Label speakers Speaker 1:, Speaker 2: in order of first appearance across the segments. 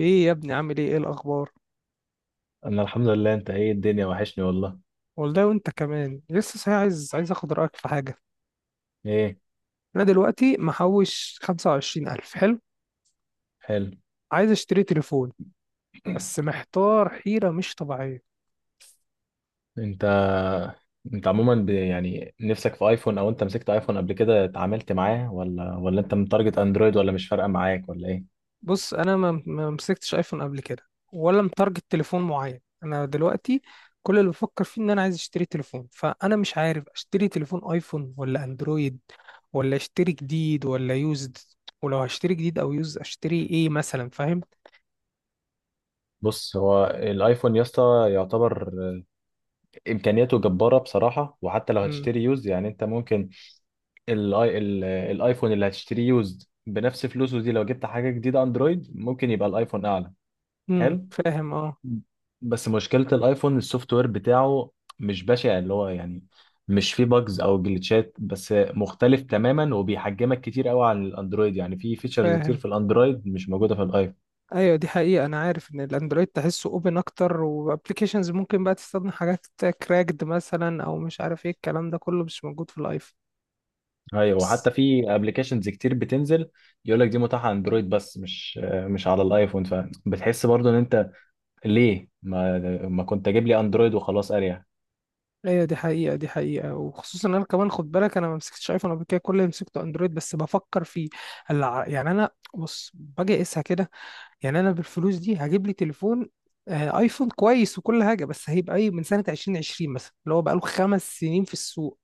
Speaker 1: ايه يا ابني، عامل ايه؟ ايه الاخبار؟
Speaker 2: انا الحمد لله. انت ايه؟ الدنيا وحشني والله.
Speaker 1: والله وانت كمان لسه صحيح؟ عايز اخد رايك في حاجه.
Speaker 2: ايه؟
Speaker 1: انا دلوقتي محوش 25000. حلو.
Speaker 2: حلو.
Speaker 1: عايز اشتري تليفون. بس محتار حيره مش طبيعيه.
Speaker 2: انت انت عموما يعني نفسك في ايفون، او انت مسكت ايفون قبل كده اتعاملت معاه، ولا انت متارجت اندرويد، ولا مش فارقه معاك ولا ايه؟
Speaker 1: بص، انا ما مسكتش ايفون قبل كده، ولا متارجت تليفون معين. انا دلوقتي كل اللي بفكر فيه ان انا عايز اشتري تليفون، فانا مش عارف اشتري تليفون ايفون ولا اندرويد، ولا اشتري جديد ولا يوزد، ولو هشتري جديد او يوزد اشتري ايه مثلا؟ فاهم؟
Speaker 2: بص، هو الايفون يا اسطى يعتبر امكانياته جباره بصراحه. وحتى لو
Speaker 1: امم.
Speaker 2: هتشتري يوز يعني انت ممكن الايفون اللي هتشتري يوز بنفس فلوسه دي، لو جبت حاجه جديده اندرويد، ممكن يبقى الايفون اعلى.
Speaker 1: امم.
Speaker 2: حلو.
Speaker 1: فاهم، اه.
Speaker 2: بس مشكلة الايفون السوفت وير بتاعه. مش بشع اللي هو يعني، مش فيه باجز او جلitchات، بس مختلف تماما وبيحجمك كتير قوي عن الاندرويد. يعني في فيتشرز كتير
Speaker 1: فاهم.
Speaker 2: في الاندرويد مش موجودة في الايفون.
Speaker 1: ايوه دي حقيقة، انا عارف ان الاندرويد تحسه اوبن اكتر، وابلكيشنز ممكن بقى تستخدم حاجات كراكد مثلا او مش عارف ايه، الكلام ده كله مش موجود في الايفون.
Speaker 2: ايوه،
Speaker 1: بس.
Speaker 2: وحتى في ابلكيشنز كتير بتنزل يقول لك دي متاحة اندرويد بس مش على الايفون، فبتحس برضو ان انت ليه ما كنت اجيب لي اندرويد وخلاص اريح.
Speaker 1: ايوه دي حقيقة دي حقيقة، وخصوصا انا كمان خد بالك، انا ما مسكتش ايفون قبل كده، كل اللي مسكته اندرويد، بس بفكر فيه، يعني انا، بص، باجي اقيسها كده. يعني انا بالفلوس دي هجيب لي تليفون، ايفون كويس وكل حاجة، بس هيبقى ايه؟ من سنة 2020 مثلا، اللي هو بقاله 5 سنين في السوق.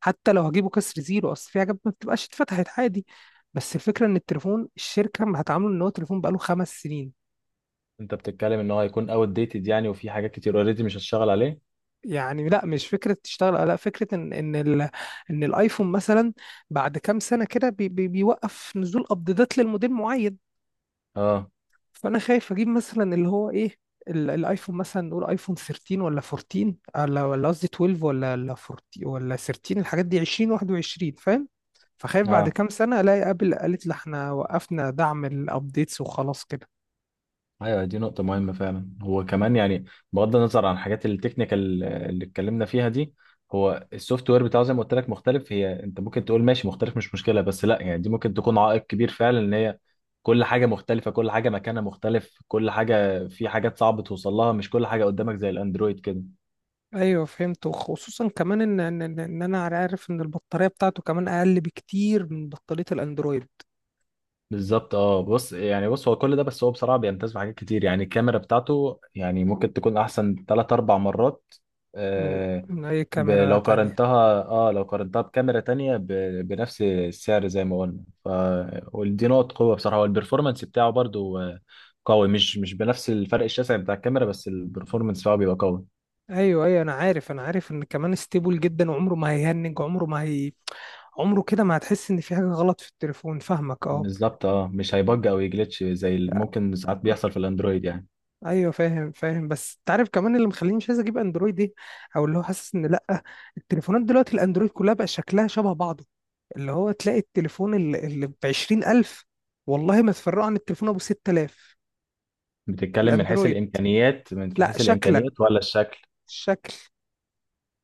Speaker 1: حتى لو هجيبه كسر زيرو، اصل في حاجات ما بتبقاش اتفتحت عادي. بس الفكره ان التليفون الشركه ما هتعامله ان هو تليفون بقاله 5 سنين.
Speaker 2: انت بتتكلم ان هو هيكون اوت ديتد يعني، وفي حاجات كتير اوريدي مش هتشتغل عليه.
Speaker 1: يعني لا، مش فكره تشتغل، لا، فكره ان الايفون مثلا بعد كام سنه كده بي بي بيوقف نزول ابديتات للموديل معين.
Speaker 2: اه.
Speaker 1: فانا خايف اجيب مثلا اللي هو ايه، الايفون مثلا، نقول ايفون 13 ولا 14 ولا قصدي 12 ولا 14 ولا 13، الحاجات دي 20، 21، فاهم؟ فخايف بعد
Speaker 2: اه
Speaker 1: كام سنة الاقي ابل قالت لي احنا وقفنا دعم الابديتس وخلاص كده.
Speaker 2: ايوه دي نقطة مهمة فعلا. هو كمان يعني بغض النظر عن الحاجات التكنيكال اللي اتكلمنا فيها دي، هو السوفت وير بتاعه زي ما قلت لك مختلف. هي انت ممكن تقول ماشي، مختلف مش مشكلة، بس لا يعني دي ممكن تكون عائق كبير فعلا. ان هي كل حاجة مختلفة، كل حاجة مكانها مختلف، كل حاجة، في حاجات صعب توصل لها، مش كل حاجة قدامك زي الاندرويد كده.
Speaker 1: ايوه فهمت، وخصوصا كمان ان ان ان إن انا عارف ان البطارية بتاعته كمان اقل بكتير من بطارية الاندرويد.
Speaker 2: بالظبط اه. بص يعني، بص هو كل ده، بس هو بصراحه بيمتاز بحاجات كتير. يعني الكاميرا بتاعته يعني ممكن تكون احسن 3 أو 4 مرات.
Speaker 1: من
Speaker 2: آه.
Speaker 1: من اي كاميرا
Speaker 2: لو
Speaker 1: تانية.
Speaker 2: قارنتها، اه لو قارنتها بكاميرا تانية بنفس السعر زي ما قلنا، ف ودي نقط قوه بصراحه. والبرفورمانس بتاعه برضو قوي. مش بنفس الفرق الشاسع بتاع الكاميرا، بس البرفورمانس بتاعه بيبقى قوي.
Speaker 1: ايوه ايوه انا عارف، انا عارف ان كمان ستيبل جدا، وعمره ما هيهنج، عمره كده ما هتحس ان في حاجه غلط في التليفون، فاهمك، اه.
Speaker 2: بالظبط اه. مش هيبج او يجلتش زي اللي ممكن ساعات بيحصل في الاندرويد يعني.
Speaker 1: ايوه فاهم فاهم، بس انت عارف كمان اللي مخليني مش عايز اجيب اندرويد ايه، او اللي هو حاسس ان لا، التليفونات دلوقتي الاندرويد كلها بقى شكلها شبه بعضه، اللي هو تلاقي التليفون اللي ب 20000، والله ما تفرقه عن التليفون ابو 6000.
Speaker 2: بتتكلم من حيث
Speaker 1: الاندرويد
Speaker 2: الامكانيات؟ من
Speaker 1: لا
Speaker 2: حيث
Speaker 1: شكلا
Speaker 2: الامكانيات ولا الشكل؟
Speaker 1: شكل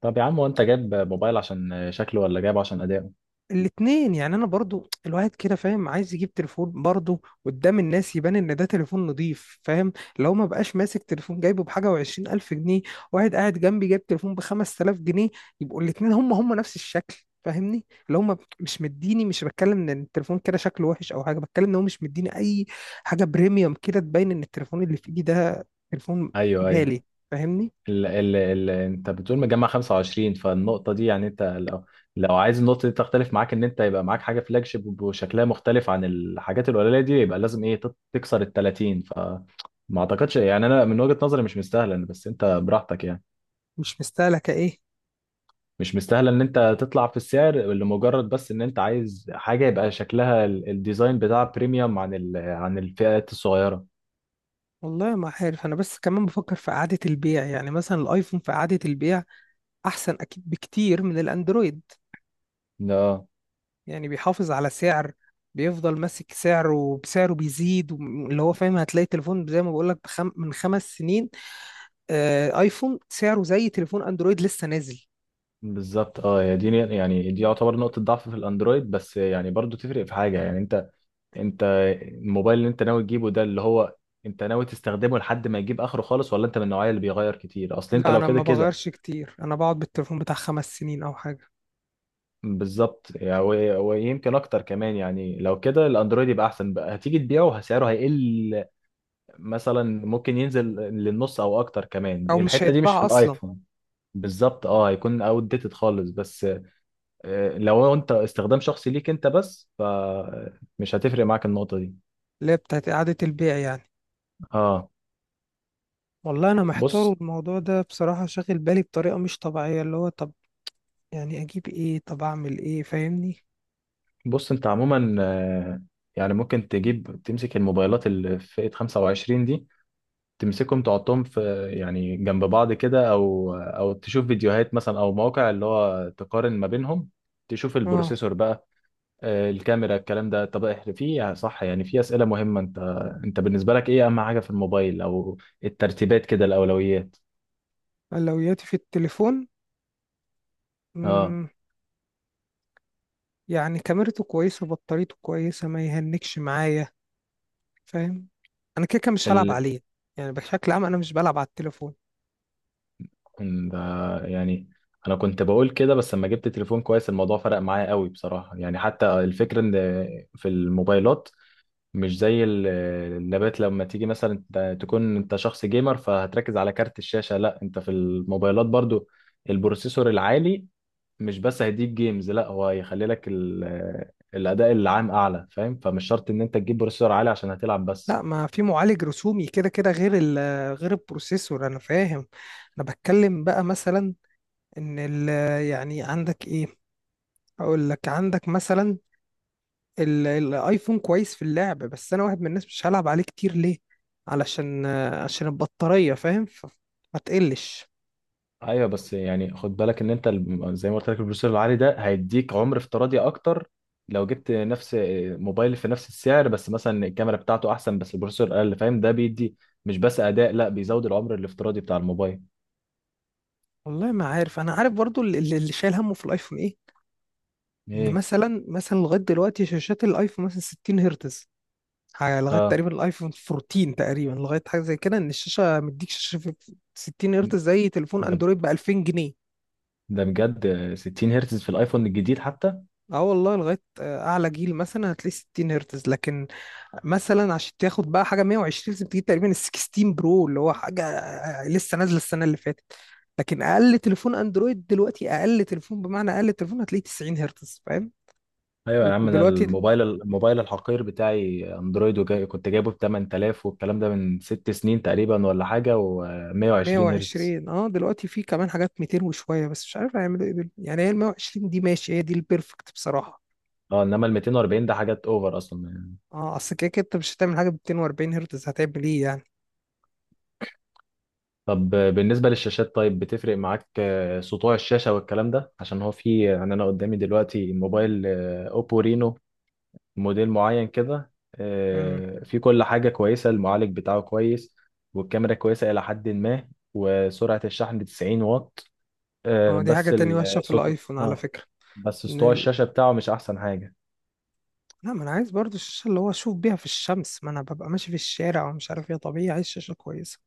Speaker 2: طب يا عم، وانت جايب موبايل عشان شكله ولا جايبه عشان اداؤه؟
Speaker 1: الاتنين، يعني انا برضو الواحد كده فاهم عايز يجيب تليفون برضو قدام الناس يبان ان ده تليفون نضيف، فاهم؟ لو ما بقاش ماسك تليفون جايبه بحاجه وعشرين الف جنيه، واحد قاعد جنبي جايب تليفون بخمس تلاف جنيه، يبقوا الاتنين هم نفس الشكل، فاهمني؟ اللي هم مش مديني، مش بتكلم ان التليفون كده شكله وحش او حاجه، بتكلم ان هو مش مديني اي حاجه بريميوم كده تبين ان التليفون اللي في ايدي ده تليفون
Speaker 2: ايوه ايوه.
Speaker 1: غالي، فاهمني؟
Speaker 2: ال انت بتقول مجمع 25، فالنقطه دي يعني انت لو عايز النقطه دي تختلف معاك، ان انت يبقى معاك حاجه فلاج شيب وشكلها مختلف عن الحاجات القليله دي، يبقى لازم ايه تكسر ال 30، فما اعتقدش يعني. انا من وجهه نظري مش مستاهله يعني، بس انت براحتك يعني.
Speaker 1: مش مستهلكه ايه؟
Speaker 2: مش مستاهله ان انت تطلع في السعر لمجرد بس ان انت عايز حاجه يبقى شكلها الديزاين بتاعها بريميوم عن ال عن الفئات الصغيره.
Speaker 1: والله ما عارف، انا بس كمان بفكر في اعاده البيع، يعني مثلا الايفون في اعاده البيع احسن اكيد بكتير من الاندرويد،
Speaker 2: اه.
Speaker 1: يعني بيحافظ على سعر، بيفضل ماسك سعره وبسعره بيزيد، اللي هو فاهم، هتلاقي تليفون زي ما بقول لك من 5 سنين، ايفون سعره زي تليفون اندرويد لسه نازل.
Speaker 2: بالظبط اه. يا دي يعني دي يعتبر نقطة ضعف في الاندرويد، بس يعني برضو تفرق في حاجة يعني؟ انت، انت الموبايل اللي انت ناوي تجيبه ده اللي هو انت ناوي تستخدمه لحد ما يجيب اخره خالص، ولا انت من النوعية اللي بيغير كتير؟ اصل انت
Speaker 1: لا،
Speaker 2: لو
Speaker 1: انا
Speaker 2: كده
Speaker 1: ما
Speaker 2: كده.
Speaker 1: بغيرش كتير، انا بقعد بالتليفون بتاع 5 سنين او حاجه.
Speaker 2: بالظبط يعني. ويمكن اكتر كمان يعني. لو كده الاندرويد يبقى احسن، بقى هتيجي تبيعه سعره هيقل، مثلا ممكن ينزل للنص او اكتر كمان،
Speaker 1: او مش
Speaker 2: الحتة دي مش في
Speaker 1: هيتباع اصلا.
Speaker 2: الايفون. بالظبط اه، هيكون اوت ديتد خالص، بس لو انت استخدام شخصي ليك انت بس، فمش هتفرق معاك النقطة دي.
Speaker 1: اللي هي بتاعت اعاده البيع يعني.
Speaker 2: اه.
Speaker 1: والله انا محتار،
Speaker 2: بص،
Speaker 1: والموضوع ده بصراحه شاغل بالي بطريقه مش طبيعيه، اللي هو طب، يعني اجيب ايه؟ طب اعمل ايه؟ فاهمني؟
Speaker 2: بص انت عموما يعني ممكن تجيب تمسك الموبايلات اللي في فئة 25 دي، تمسكهم تحطهم في يعني جنب بعض كده، او تشوف فيديوهات مثلا او مواقع اللي هو تقارن ما بينهم، تشوف
Speaker 1: اه،
Speaker 2: البروسيسور بقى، الكاميرا، الكلام ده. طب احنا في، صح يعني في أسئلة مهمة. انت، انت بالنسبة لك ايه اهم حاجة في الموبايل، او الترتيبات كده، الاولويات؟
Speaker 1: اولوياتي في التليفون.
Speaker 2: اه.
Speaker 1: مم. يعني كاميرته كويسه، بطاريته كويسه، ما يهنكش معايا، فاهم؟ انا كده كده مش هلعب عليه، يعني بشكل عام انا مش بلعب على التليفون.
Speaker 2: ب... يعني انا كنت بقول كده، بس لما جبت تليفون كويس الموضوع فرق معايا قوي بصراحة. يعني حتى الفكرة ان في الموبايلات مش زي اللابات. لما تيجي مثلا انت تكون انت شخص جيمر فهتركز على كارت الشاشة. لا، انت في الموبايلات برضو البروسيسور العالي مش بس هيديك جيمز، لا هو هيخلي لك الاداء العام اعلى. فاهم؟ فمش شرط ان انت تجيب بروسيسور عالي عشان هتلعب
Speaker 1: لا،
Speaker 2: بس.
Speaker 1: ما في معالج رسومي كده كده غير غير البروسيسور، انا فاهم. انا بتكلم بقى مثلا ان يعني عندك ايه، اقول لك عندك مثلا الايفون كويس في اللعب، بس انا واحد من الناس مش هلعب عليه كتير. ليه؟ علشان عشان البطارية، فاهم؟ ما تقلش.
Speaker 2: ايوه، بس يعني خد بالك ان انت زي ما قلت لك البروسيسور العالي ده هيديك عمر افتراضي اكتر. لو جبت نفس موبايل في نفس السعر، بس مثلا الكاميرا بتاعته احسن بس البروسيسور اقل، فاهم؟ ده بيدي مش بس اداء، لا بيزود العمر الافتراضي بتاع الموبايل.
Speaker 1: والله ما عارف، انا عارف برضو اللي شايل همه في الايفون ايه. ان
Speaker 2: ايه؟
Speaker 1: مثلا لغاية دلوقتي شاشات الايفون مثلا 60 هرتز، لغاية
Speaker 2: اه.
Speaker 1: تقريبا الايفون 14 تقريبا، لغاية حاجة زي كده، ان الشاشة مديك شاشة في 60 هرتز زي تليفون
Speaker 2: ده
Speaker 1: اندرويد ب 2000 جنيه.
Speaker 2: ده بجد 60 هرتز في الايفون الجديد حتى؟
Speaker 1: اه والله لغاية أعلى جيل مثلا هتلاقي 60 هرتز، لكن مثلا عشان تاخد بقى حاجة 120 لازم تجيب تقريبا ال 16 برو، اللي هو حاجة لسه نازلة السنة اللي فاتت. لكن أقل تليفون أندرويد دلوقتي، أقل تليفون بمعنى أقل تليفون، هتلاقيه 90 هرتز، فاهم؟
Speaker 2: ايوه يا عم، انا
Speaker 1: ودلوقتي ال
Speaker 2: الموبايل، الموبايل الحقير بتاعي اندرويد وجاي، كنت جايبه ب 8000، والكلام ده من 6 سنين تقريبا ولا حاجه، و120 هرتز.
Speaker 1: 120، دلوقتي في كمان حاجات 200 وشوية، بس مش عارف هيعملوا ايه يعني هي ال 120 دي ماشي، هي دي البيرفكت بصراحة.
Speaker 2: اه. انما ال 240 ده حاجات اوفر اصلا يعني.
Speaker 1: اه، اصل كده كده انت مش هتعمل حاجة ب 240 هرتز، هتعمل ايه يعني؟
Speaker 2: طب بالنسبه للشاشات طيب، بتفرق معاك سطوع الشاشه والكلام ده؟ عشان هو في يعني، انا قدامي دلوقتي موبايل اوبو رينو، موديل معين كده
Speaker 1: امم.
Speaker 2: في كل حاجه كويسه، المعالج بتاعه كويس والكاميرا كويسه الى حد ما، وسرعه الشحن 90 واط،
Speaker 1: اه، دي حاجة
Speaker 2: بس
Speaker 1: تانية وحشة في
Speaker 2: السطوع
Speaker 1: الايفون على
Speaker 2: اه،
Speaker 1: فكرة.
Speaker 2: بس سطوع
Speaker 1: ان
Speaker 2: الشاشه بتاعه مش احسن حاجه.
Speaker 1: لا، ما انا عايز برضو الشاشه اللي هو اشوف بيها في الشمس، ما انا ببقى ماشي في الشارع ومش عارف ايه، طبيعي عايز شاشه كويسه.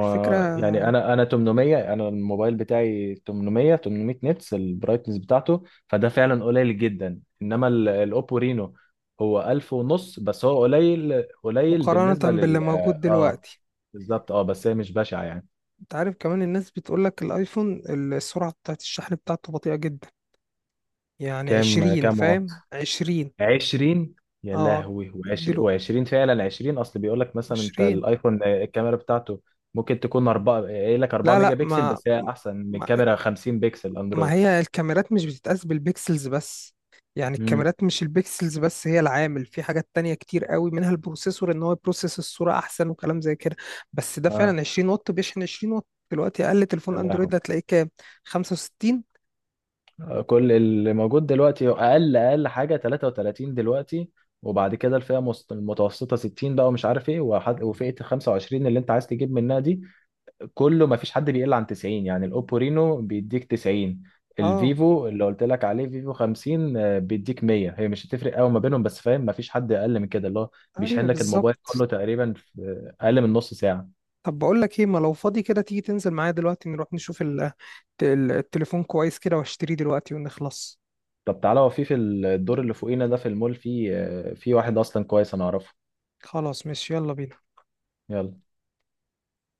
Speaker 1: الفكره.
Speaker 2: يعني انا 800، انا الموبايل بتاعي 800 نتس البرايتنس بتاعته، فده فعلا قليل جدا. انما الاوبو رينو هو 1000 ونص، بس هو قليل
Speaker 1: مقارنه
Speaker 2: بالنسبه
Speaker 1: باللي
Speaker 2: لل.
Speaker 1: موجود
Speaker 2: اه.
Speaker 1: دلوقتي.
Speaker 2: بالظبط اه، بس هي مش بشعه يعني.
Speaker 1: انت عارف كمان الناس بتقول لك الايفون السرعه بتاعت الشحن بتاعته بطيئه جدا، يعني
Speaker 2: كام
Speaker 1: 20،
Speaker 2: كام واط؟
Speaker 1: فاهم؟ 20.
Speaker 2: 20؟ يا
Speaker 1: اه
Speaker 2: لهوي. و20
Speaker 1: دلو
Speaker 2: و20 فعلا 20. اصل بيقول لك مثلا انت
Speaker 1: 20.
Speaker 2: الايفون الكاميرا بتاعته ممكن تكون 4، قايل لك 4
Speaker 1: لا
Speaker 2: ميجا
Speaker 1: لا
Speaker 2: بكسل بس هي احسن من
Speaker 1: ما
Speaker 2: كاميرا 50 بكسل
Speaker 1: ما
Speaker 2: اندرويد.
Speaker 1: هي الكاميرات مش بتتقاس بالبيكسلز بس، يعني
Speaker 2: امم،
Speaker 1: الكاميرات مش البيكسلز بس هي العامل، في حاجات تانية كتير قوي منها البروسيسور ان هو يبروسيس الصورة احسن وكلام زي كده. بس ده
Speaker 2: اه.
Speaker 1: فعلا 20 واط، بيشحن 20 واط، دلوقتي اقل تليفون
Speaker 2: لا،
Speaker 1: اندرويد هتلاقيه كام؟ 65؟
Speaker 2: كل اللي موجود دلوقتي اقل حاجه 33 دلوقتي. وبعد كده الفئه المتوسطه 60 بقى، ومش عارف ايه، وفئه 25 اللي انت عايز تجيب منها دي كله، ما فيش حد بيقل عن 90. يعني الاوبو رينو بيديك 90،
Speaker 1: اه،
Speaker 2: الفيفو اللي قلت لك عليه فيفو 50 بيديك 100. هي مش هتفرق قوي ما بينهم، بس فاهم، ما فيش حد اقل من كده اللي هو بيشحن
Speaker 1: ايوه
Speaker 2: لك الموبايل
Speaker 1: بالظبط.
Speaker 2: كله تقريبا في اقل من نص ساعه.
Speaker 1: طب بقول لك ايه، ما لو فاضي كده تيجي تنزل معايا دلوقتي نروح نشوف التليفون كويس كده، واشتريه دلوقتي ونخلص.
Speaker 2: طب تعالى، هو في، في الدور اللي فوقينا ده في المول، في في واحد اصلا كويس انا اعرفه.
Speaker 1: خلاص ماشي، يلا بينا.
Speaker 2: يلا.